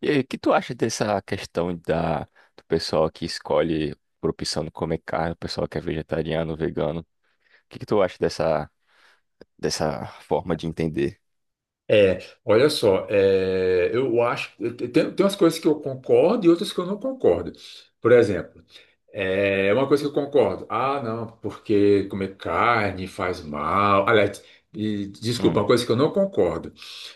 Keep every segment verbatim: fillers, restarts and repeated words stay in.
E aí, o que tu acha dessa questão da, do pessoal que escolhe por opção não comer carne, o pessoal que é vegetariano, vegano? O que que tu acha dessa, dessa forma de entender? É, olha só, é, eu acho, tem, tem umas coisas que eu concordo e outras que eu não concordo. Por exemplo, é uma coisa que eu concordo. Ah, não, porque comer carne faz mal. Aliás, e, desculpa, Hum, uma coisa que eu não concordo.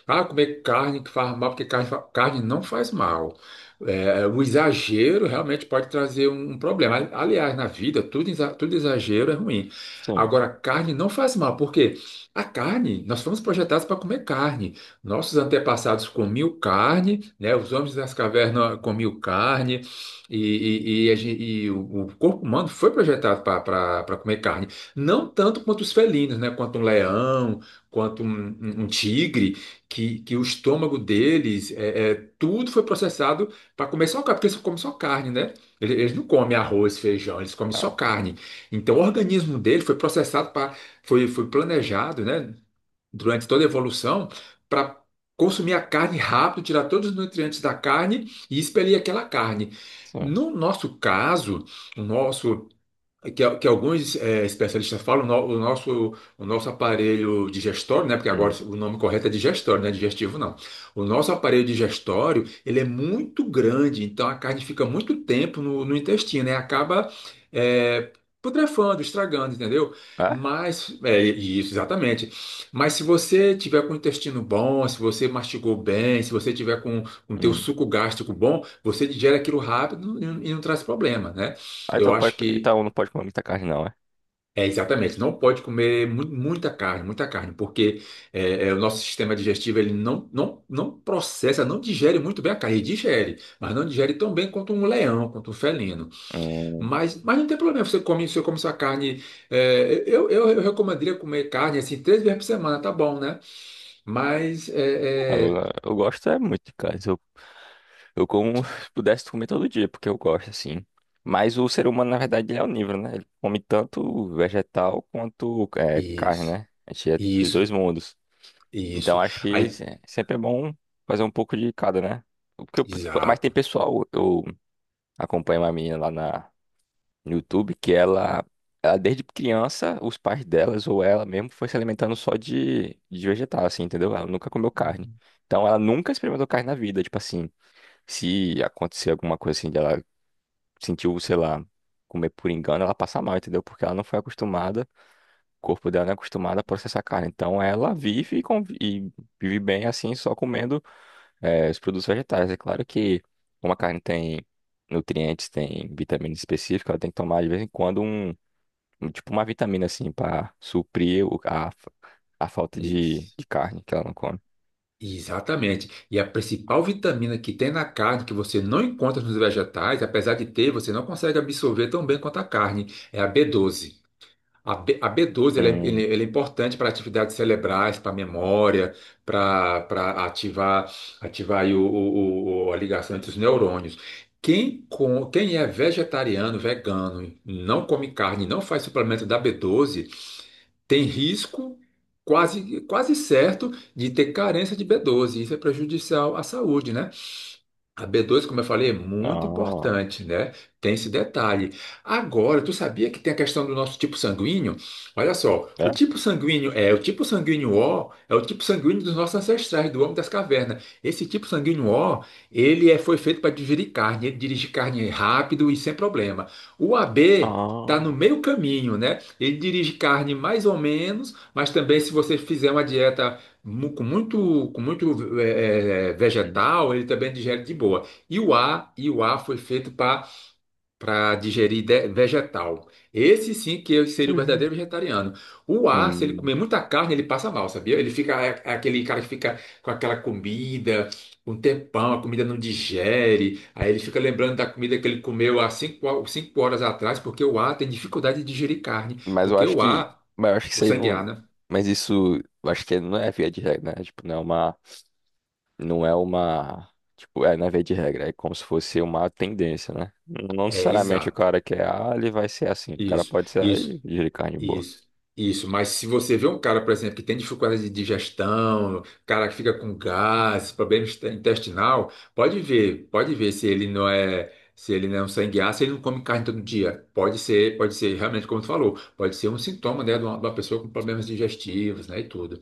Ah, comer carne que faz mal, porque carne, fa- carne não faz mal. É, o exagero realmente pode trazer um, um problema. Ali- Aliás, na vida, tudo, exa- tudo exagero é ruim. sim. Agora, carne não faz mal, porque a carne, nós fomos projetados para comer carne. Nossos antepassados comiam carne, né? Os homens das cavernas comiam carne. E, e- e a gen- e o o corpo humano foi projetado para comer carne. Não tanto quanto os felinos, né? Quanto um leão, quanto um, um- um tigre, que, que o estômago deles, é, é, tudo foi processado para comer só carne, porque eles comem só carne, né? Ele- Eles não comem arroz, feijão, eles comem Ah, só carne. Então o organismo dele foi processado para, foi, foi planejado, né? Durante toda a evolução para consumir a carne rápido, tirar todos os nutrientes da carne e expelir aquela carne. sim. No nosso caso, o nosso é que, que alguns eh, especialistas falam, no- o nosso, o nosso aparelho digestório, né? Porque agora Hum. o nome correto é digestório, não é digestivo, não. O nosso aparelho digestório, ele é muito grande, então a carne fica muito tempo no, no intestino, né? Acaba eh, putrefando, estragando, entendeu? Ah? Mas, é, isso, exatamente. Mas se você tiver com o intestino bom, se você mastigou bem, se você tiver com o teu Hum. suco gástrico bom, você digere aquilo rápido e não e não traz problema, né? Ah, Eu então, pode, acho que então não pode comer muita carne, não, é? é, exatamente. Não pode comer mu- muita carne, muita carne, porque é, é, o nosso sistema digestivo ele não, não, não processa, não digere muito bem a carne. Ele digere, mas não digere tão bem quanto um leão, quanto um felino. Hum. Mas, mas não tem problema, você come, você come sua carne. é, eu, eu, eu recomendaria comer carne assim três vezes por semana, tá bom, né? Mas Ah, Eu, é, é, eu gosto é muito de carne. Eu, eu como se pudesse comer todo dia, porque eu gosto, assim. Mas o ser humano, na verdade, ele é onívoro, né? Ele come tanto vegetal quanto é, carne, isso, né? A gente é dos dois isso, mundos. Então isso. acho que Aí, se- sempre é bom fazer um pouco de cada, né? Porque eu- mas tem exato, pessoal, eu acompanho uma menina lá na, no YouTube que ela, ela desde criança, os pais delas ou ela mesmo foi se alimentando só de, de vegetal, assim, entendeu? Ela nunca comeu carne. Então ela nunca experimentou carne na vida, tipo assim, se acontecer alguma coisa assim, de ela sentiu, sei lá, comer por engano, ela passa mal, entendeu? Porque ela não foi acostumada, o corpo dela não é acostumado a processar carne. Então ela vive e convi- e vive bem assim, só comendo é, os produtos vegetais. É claro que como a carne tem nutrientes, tem vitamina específica, ela tem que tomar de vez em quando um, um- tipo uma vitamina assim para suprir o- a, a falta de, isso. de carne que ela não come. Exatamente. E a principal vitamina que tem na carne, que você não encontra nos vegetais, apesar de ter, você não consegue absorver tão bem quanto a carne, é a B doze. A, B, a B doze ela é, ele- Hum, ele é importante para atividades cerebrais, para memória, para para ativar, ativar aí o, o- o- a ligação entre os neurônios. Quem, com, quem é vegetariano, vegano, não come carne, não faz suplemento da B doze, tem risco quase, quase certo de ter carência de B doze. Isso é prejudicial à saúde, né? A b dois, como eu falei, é muito ah, importante, né? Tem esse detalhe. Agora, tu sabia que tem a questão do nosso tipo sanguíneo? Olha só, o é? tipo sanguíneo é o tipo sanguíneo O, é o tipo sanguíneo dos nossos ancestrais, do homem das cavernas. Esse tipo sanguíneo O, ele é, foi feito para digerir carne, ele dirige carne rápido e sem problema. O A B está no Ah, meio caminho, né? Ele dirige carne mais ou menos, mas também se você fizer uma dieta mu- com muito, com muito é, é, hum, vegetal, ele também digere de boa. E o A, e o A foi feito para para digerir de- vegetal. Esse sim que eu seria o verdadeiro vegetariano. O A, se ele hum. comer muita carne, ele passa mal, sabia? Ele fica é, é aquele cara que fica com aquela comida um tempão, a comida não digere, aí ele fica lembrando da comida que ele comeu há cinco, ho- cinco horas atrás, porque o A tem dificuldade de digerir carne, Mas eu porque acho o que, A, mas eu acho que o isso aí sangue A, não, né? mas isso, eu acho que não é via de regra, né? Tipo, não é uma não é uma. Tipo, é, não é via de regra, é como se fosse uma tendência, né? Não não É, necessariamente o exato. cara que é A, ele vai ser assim. O cara Isso. pode ser A e Isso. de carne boa. Isso, isso. Mas se você vê um cara, por exemplo, que tem dificuldade de digestão, cara que fica com gases problema est- intestinal, pode ver, pode ver se ele não é, se ele não é um sangue ácido, se ele não come carne todo dia. Pode ser, pode ser realmente como tu falou, pode ser um sintoma, né, de uma, de uma pessoa com problemas digestivos, né, e tudo.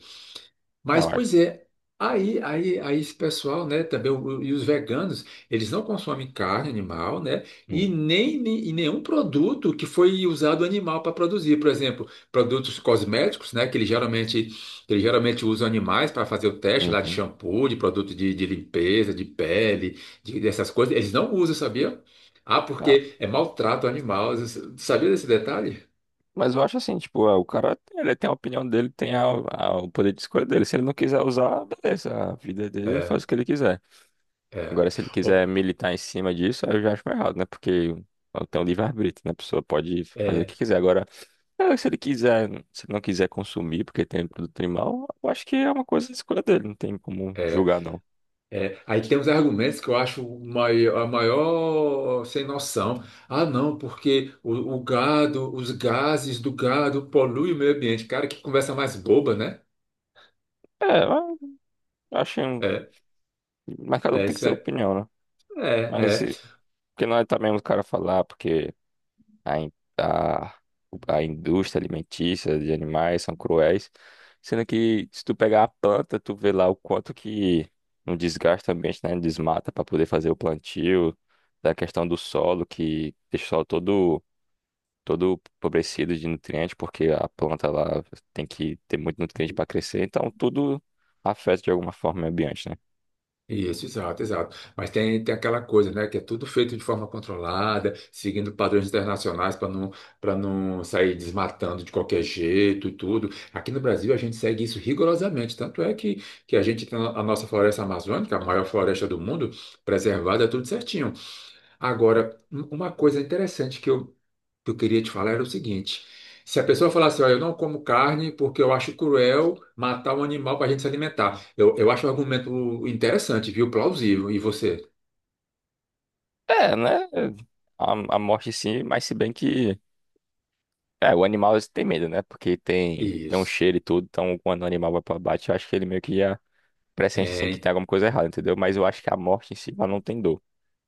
Mas, Eu acho. pois é, aí, aí, aí esse pessoal, né, também, o- e os veganos, eles não consomem carne animal, né, Hum, e nem, nem- e nenhum produto que foi usado animal para produzir. Por exemplo, produtos cosméticos, né, que eles geralmente, que eles geralmente usam animais para fazer o teste lá de uhum. shampoo, de produto de, de limpeza, de pele, de- dessas coisas, eles não usam, sabia? Ah, Ah, porque é maltrato animal. Sabia desse detalhe? mas eu acho assim, tipo, ah, o cara ele tem a opinião dele, tem a- a- o poder de escolha dele. Se ele não quiser usar, beleza, a vida dele, ele faz É, o que ele quiser. é. Agora, se ele quiser O- militar em cima disso, aí eu já acho meio errado, né? Porque ela tem um livre-arbítrio, né? A pessoa pode fazer o que é. quiser. Agora, eh, se ele quiser, se ele não quiser consumir porque tem produto animal, eu acho que é uma coisa de escolha dele, não tem como é. julgar, não. É, aí tem uns argumentos que eu acho o mai- a maior sem noção. Ah, não, porque o, o gado, os gases do gado poluem o meio ambiente. Cara, que conversa mais boba, né? É, eu acho. um- É, Mas cada um é tem que isso ter é, opinião, né? é, Mas, é. eh, porque não é também o cara falar, porque a, in- a, a indústria alimentícia de animais são cruéis. Sendo que se tu pegar a planta, tu vê lá o quanto que não desgasta o ambiente, né? Desmata para poder fazer o plantio, da questão do solo, que deixa o solo todo, todo empobrecido de nutrientes, porque a planta lá tem que ter muito nutriente para crescer, então tudo afeta de alguma forma o meio ambiente, né? Isso, exato, exato. Mas tem, tem aquela coisa, né, que é tudo feito de forma controlada, seguindo padrões internacionais para não, para não sair desmatando de qualquer jeito e tudo. Aqui no Brasil a gente segue isso rigorosamente, tanto é que, que a gente tem a nossa floresta amazônica, a maior floresta do mundo, preservada, tudo certinho. Agora, um- uma coisa interessante que eu que eu queria te falar era o seguinte: se a pessoa falar assim, olha, eu não como carne porque eu acho cruel matar um animal para a gente se alimentar, eu, eu acho um argumento interessante, viu? Plausível. E você? É, né? A, a morte sim, mas se bem que é, o animal tem medo, né? Porque tem, tem um Isso. cheiro e tudo, então quando o animal vai pra bate, eu acho que ele meio que já pressente assim que tem Tem. alguma coisa errada, entendeu? Mas eu acho que a morte em si ela não tem dor.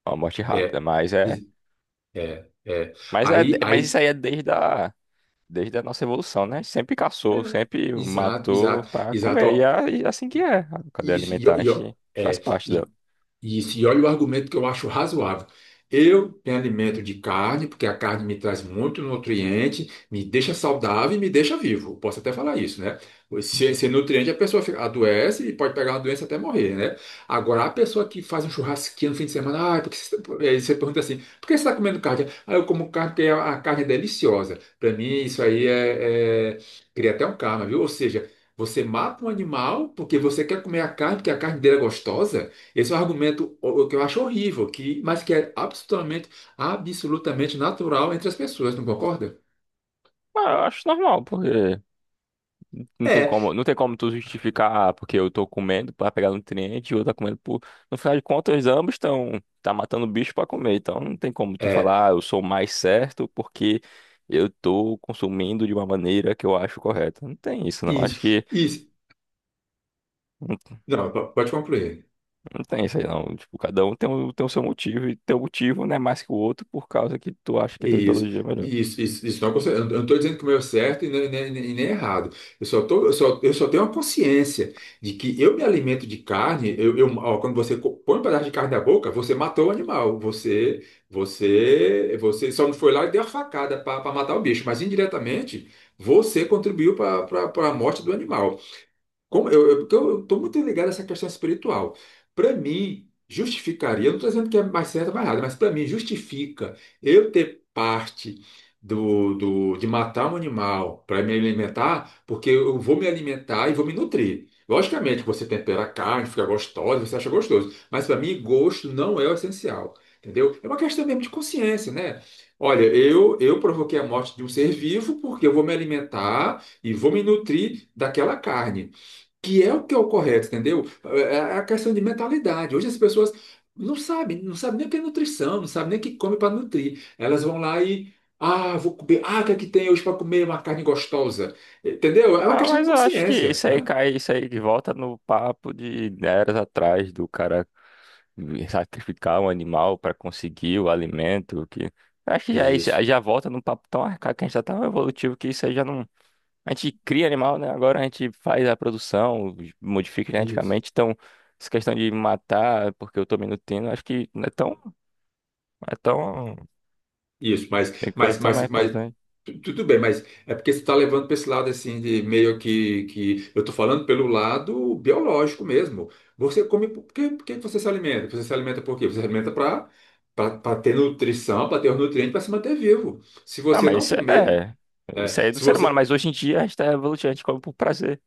É uma morte rápida, É. mas é, is- É. É. mas é, Aí, mas isso aí. aí é desde a, desde a nossa evolução, né? Sempre É. caçou, sempre Exato, matou exato, pra exato. comer e, Ó, é, e é assim que é. A cadeia isso, e, alimentar, ó, a e, gente, ó, a gente faz é, parte dela. e Isso, e olha o argumento que eu acho razoável. Eu me alimento de carne, porque a carne me traz muito nutriente, me deixa saudável e me deixa vivo. Posso até falar isso, né? Sem, sem nutriente, a pessoa fica- adoece e pode pegar uma doença até morrer, né? Agora, a pessoa que faz um churrasquinho no fim de semana, ah, porque você, tá-" aí você pergunta assim, por que você está comendo carne? Ah, eu como carne porque a, a carne é deliciosa. Para mim, isso aí é, é... Cria até um karma, viu? Ou seja, você mata um animal porque você quer comer a carne, porque a carne dele é gostosa. Esse é um argumento o- que eu acho horrível, que, mas que é absolutamente, absolutamente natural entre as pessoas, não concorda? Mas eu acho normal, porque Não tem É, como, não tem como tu justificar, ah, porque eu tô comendo pra pegar nutriente e o outro tá comendo por. No final de contas, ambos estão tá matando bicho pra comer. Então não tem como tu é, falar, ah, eu sou mais certo porque eu tô consumindo de uma maneira que eu acho correta. Não tem isso, não. isso, Acho que isso. não, Não, po- pode concluir. não tem isso aí, não. Tipo, cada um tem o, tem o seu motivo e teu motivo não é mais que o outro por causa que tu acha que tua Isso, ideologia é melhor. isso, isso, isso não, é consci- eu não estou dizendo que o meu é certo e nem, nem- nem- nem é errado. Eu só, tô, eu, só, eu só tenho a consciência de que eu me alimento de carne. Eu, eu- ó, quando você co- põe um pedaço de carne na boca, você matou o animal. Você, você, você só não foi lá e deu a facada para matar o bicho, mas indiretamente você contribuiu para a morte do animal. Como eu, eu, porque eu estou muito ligado a essa questão espiritual. Para mim, justificaria, eu não estou dizendo que é mais certo ou mais errado, mas para mim, justifica eu ter parte do, do, de matar um animal para me alimentar, porque eu vou me alimentar e vou me nutrir. Logicamente, você tempera a carne, fica gostosa, você acha gostoso, mas para mim, gosto não é o essencial, entendeu? É uma questão mesmo de consciência, né? Olha, eu, eu provoquei a morte de um ser vivo porque eu vou me alimentar e vou me nutrir daquela carne que é o que é o correto, entendeu? É é, é a questão de mentalidade. Hoje as pessoas não sabem, não sabem nem o que é nutrição, não sabem nem o que come para nutrir. Elas vão lá e, ah, vou comer, ah, o que é que tem hoje para comer uma carne gostosa? Entendeu? É uma Ah, questão de mas eu acho que consciência, isso aí né? cai, isso aí de volta no papo de eras atrás do cara sacrificar um animal para conseguir o alimento, que acho que já é isso, Isso, já volta num papo tão arcaico que a gente tá tão evolutivo que isso aí já não. A gente cria animal, né? Agora a gente faz a produção, modifica isso. geneticamente, então essa questão de matar porque eu tô me nutrindo, acho que não é tão, é tão, Isso, mas, tem coisa mas, tão mais mas, mas importante. tu- tudo bem, mas é porque você está levando para esse lado assim de meio que, que eu estou falando pelo lado biológico mesmo. Você come por que, por que você se alimenta? Você se alimenta por quê? Você se alimenta para para ter nutrição, para ter os nutrientes, para se manter vivo. Se Não, você mas não isso comer, é, né? isso aí é do Se ser humano, você mas hoje em dia a gente tá evolutivo, a gente come por prazer.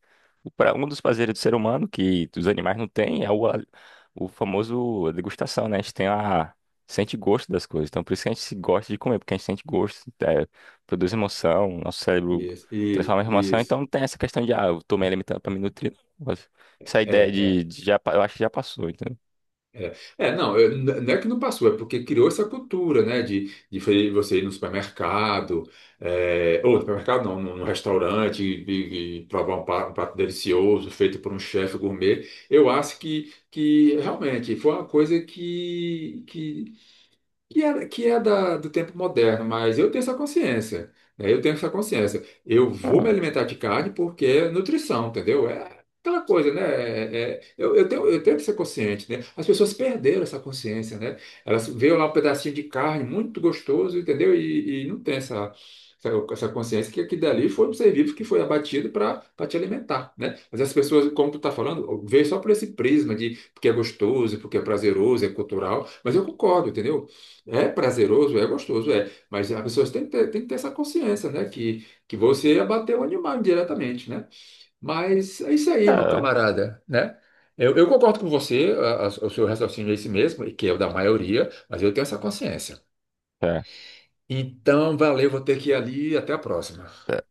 Para um dos prazeres do ser humano, que os animais não têm, é o, a- o famoso degustação, né? A gente tem a, sente gosto das coisas. Então, por isso que a gente se gosta de comer, porque a gente sente gosto, é, produz emoção, nosso cérebro isso, isso, transforma em emoção. Então, isso. não tem essa questão de, ah, eu tomei alimentando para me nutrir. não. Mas Essa É, ideia de, é, de já, pa- eu acho que já passou, entendeu? É, é, não, eu- n- não é que não passou, é porque criou essa cultura, né, de, de fe- você ir no supermercado, é, ou no supermercado não, num num restaurante e, e provar um prato, um prato delicioso feito por um chefe gourmet. Eu acho que, que realmente foi uma coisa que, que que é, que é da, do tempo moderno, mas eu tenho essa consciência, né? Eu tenho essa consciência. Eu vou me Ah, alimentar de carne porque é nutrição, entendeu? É aquela coisa, né? É- é- eu, eu tenho, eu tenho que ser consciente, né? As pessoas perderam essa consciência, né? Elas veem lá um pedacinho de carne muito gostoso, entendeu? E, e não tem essa, essa, essa consciência que aquilo dali foi um ser vivo que foi abatido para te alimentar, né? Mas as pessoas, como tu tá falando, vê só por esse prisma de porque é gostoso, porque é prazeroso, é cultural, mas eu concordo, entendeu? É prazeroso, é gostoso, é. Mas as pessoas têm que ter, têm que ter essa consciência, né? Que, que você abateu o animal indiretamente, né? Mas é isso aí, meu é, camarada, né? Eu, eu concordo com você, a- a- o seu raciocínio é esse mesmo, e que é o da maioria, mas eu tenho essa consciência. é. Então, valeu, vou ter que ir ali, até a próxima. É.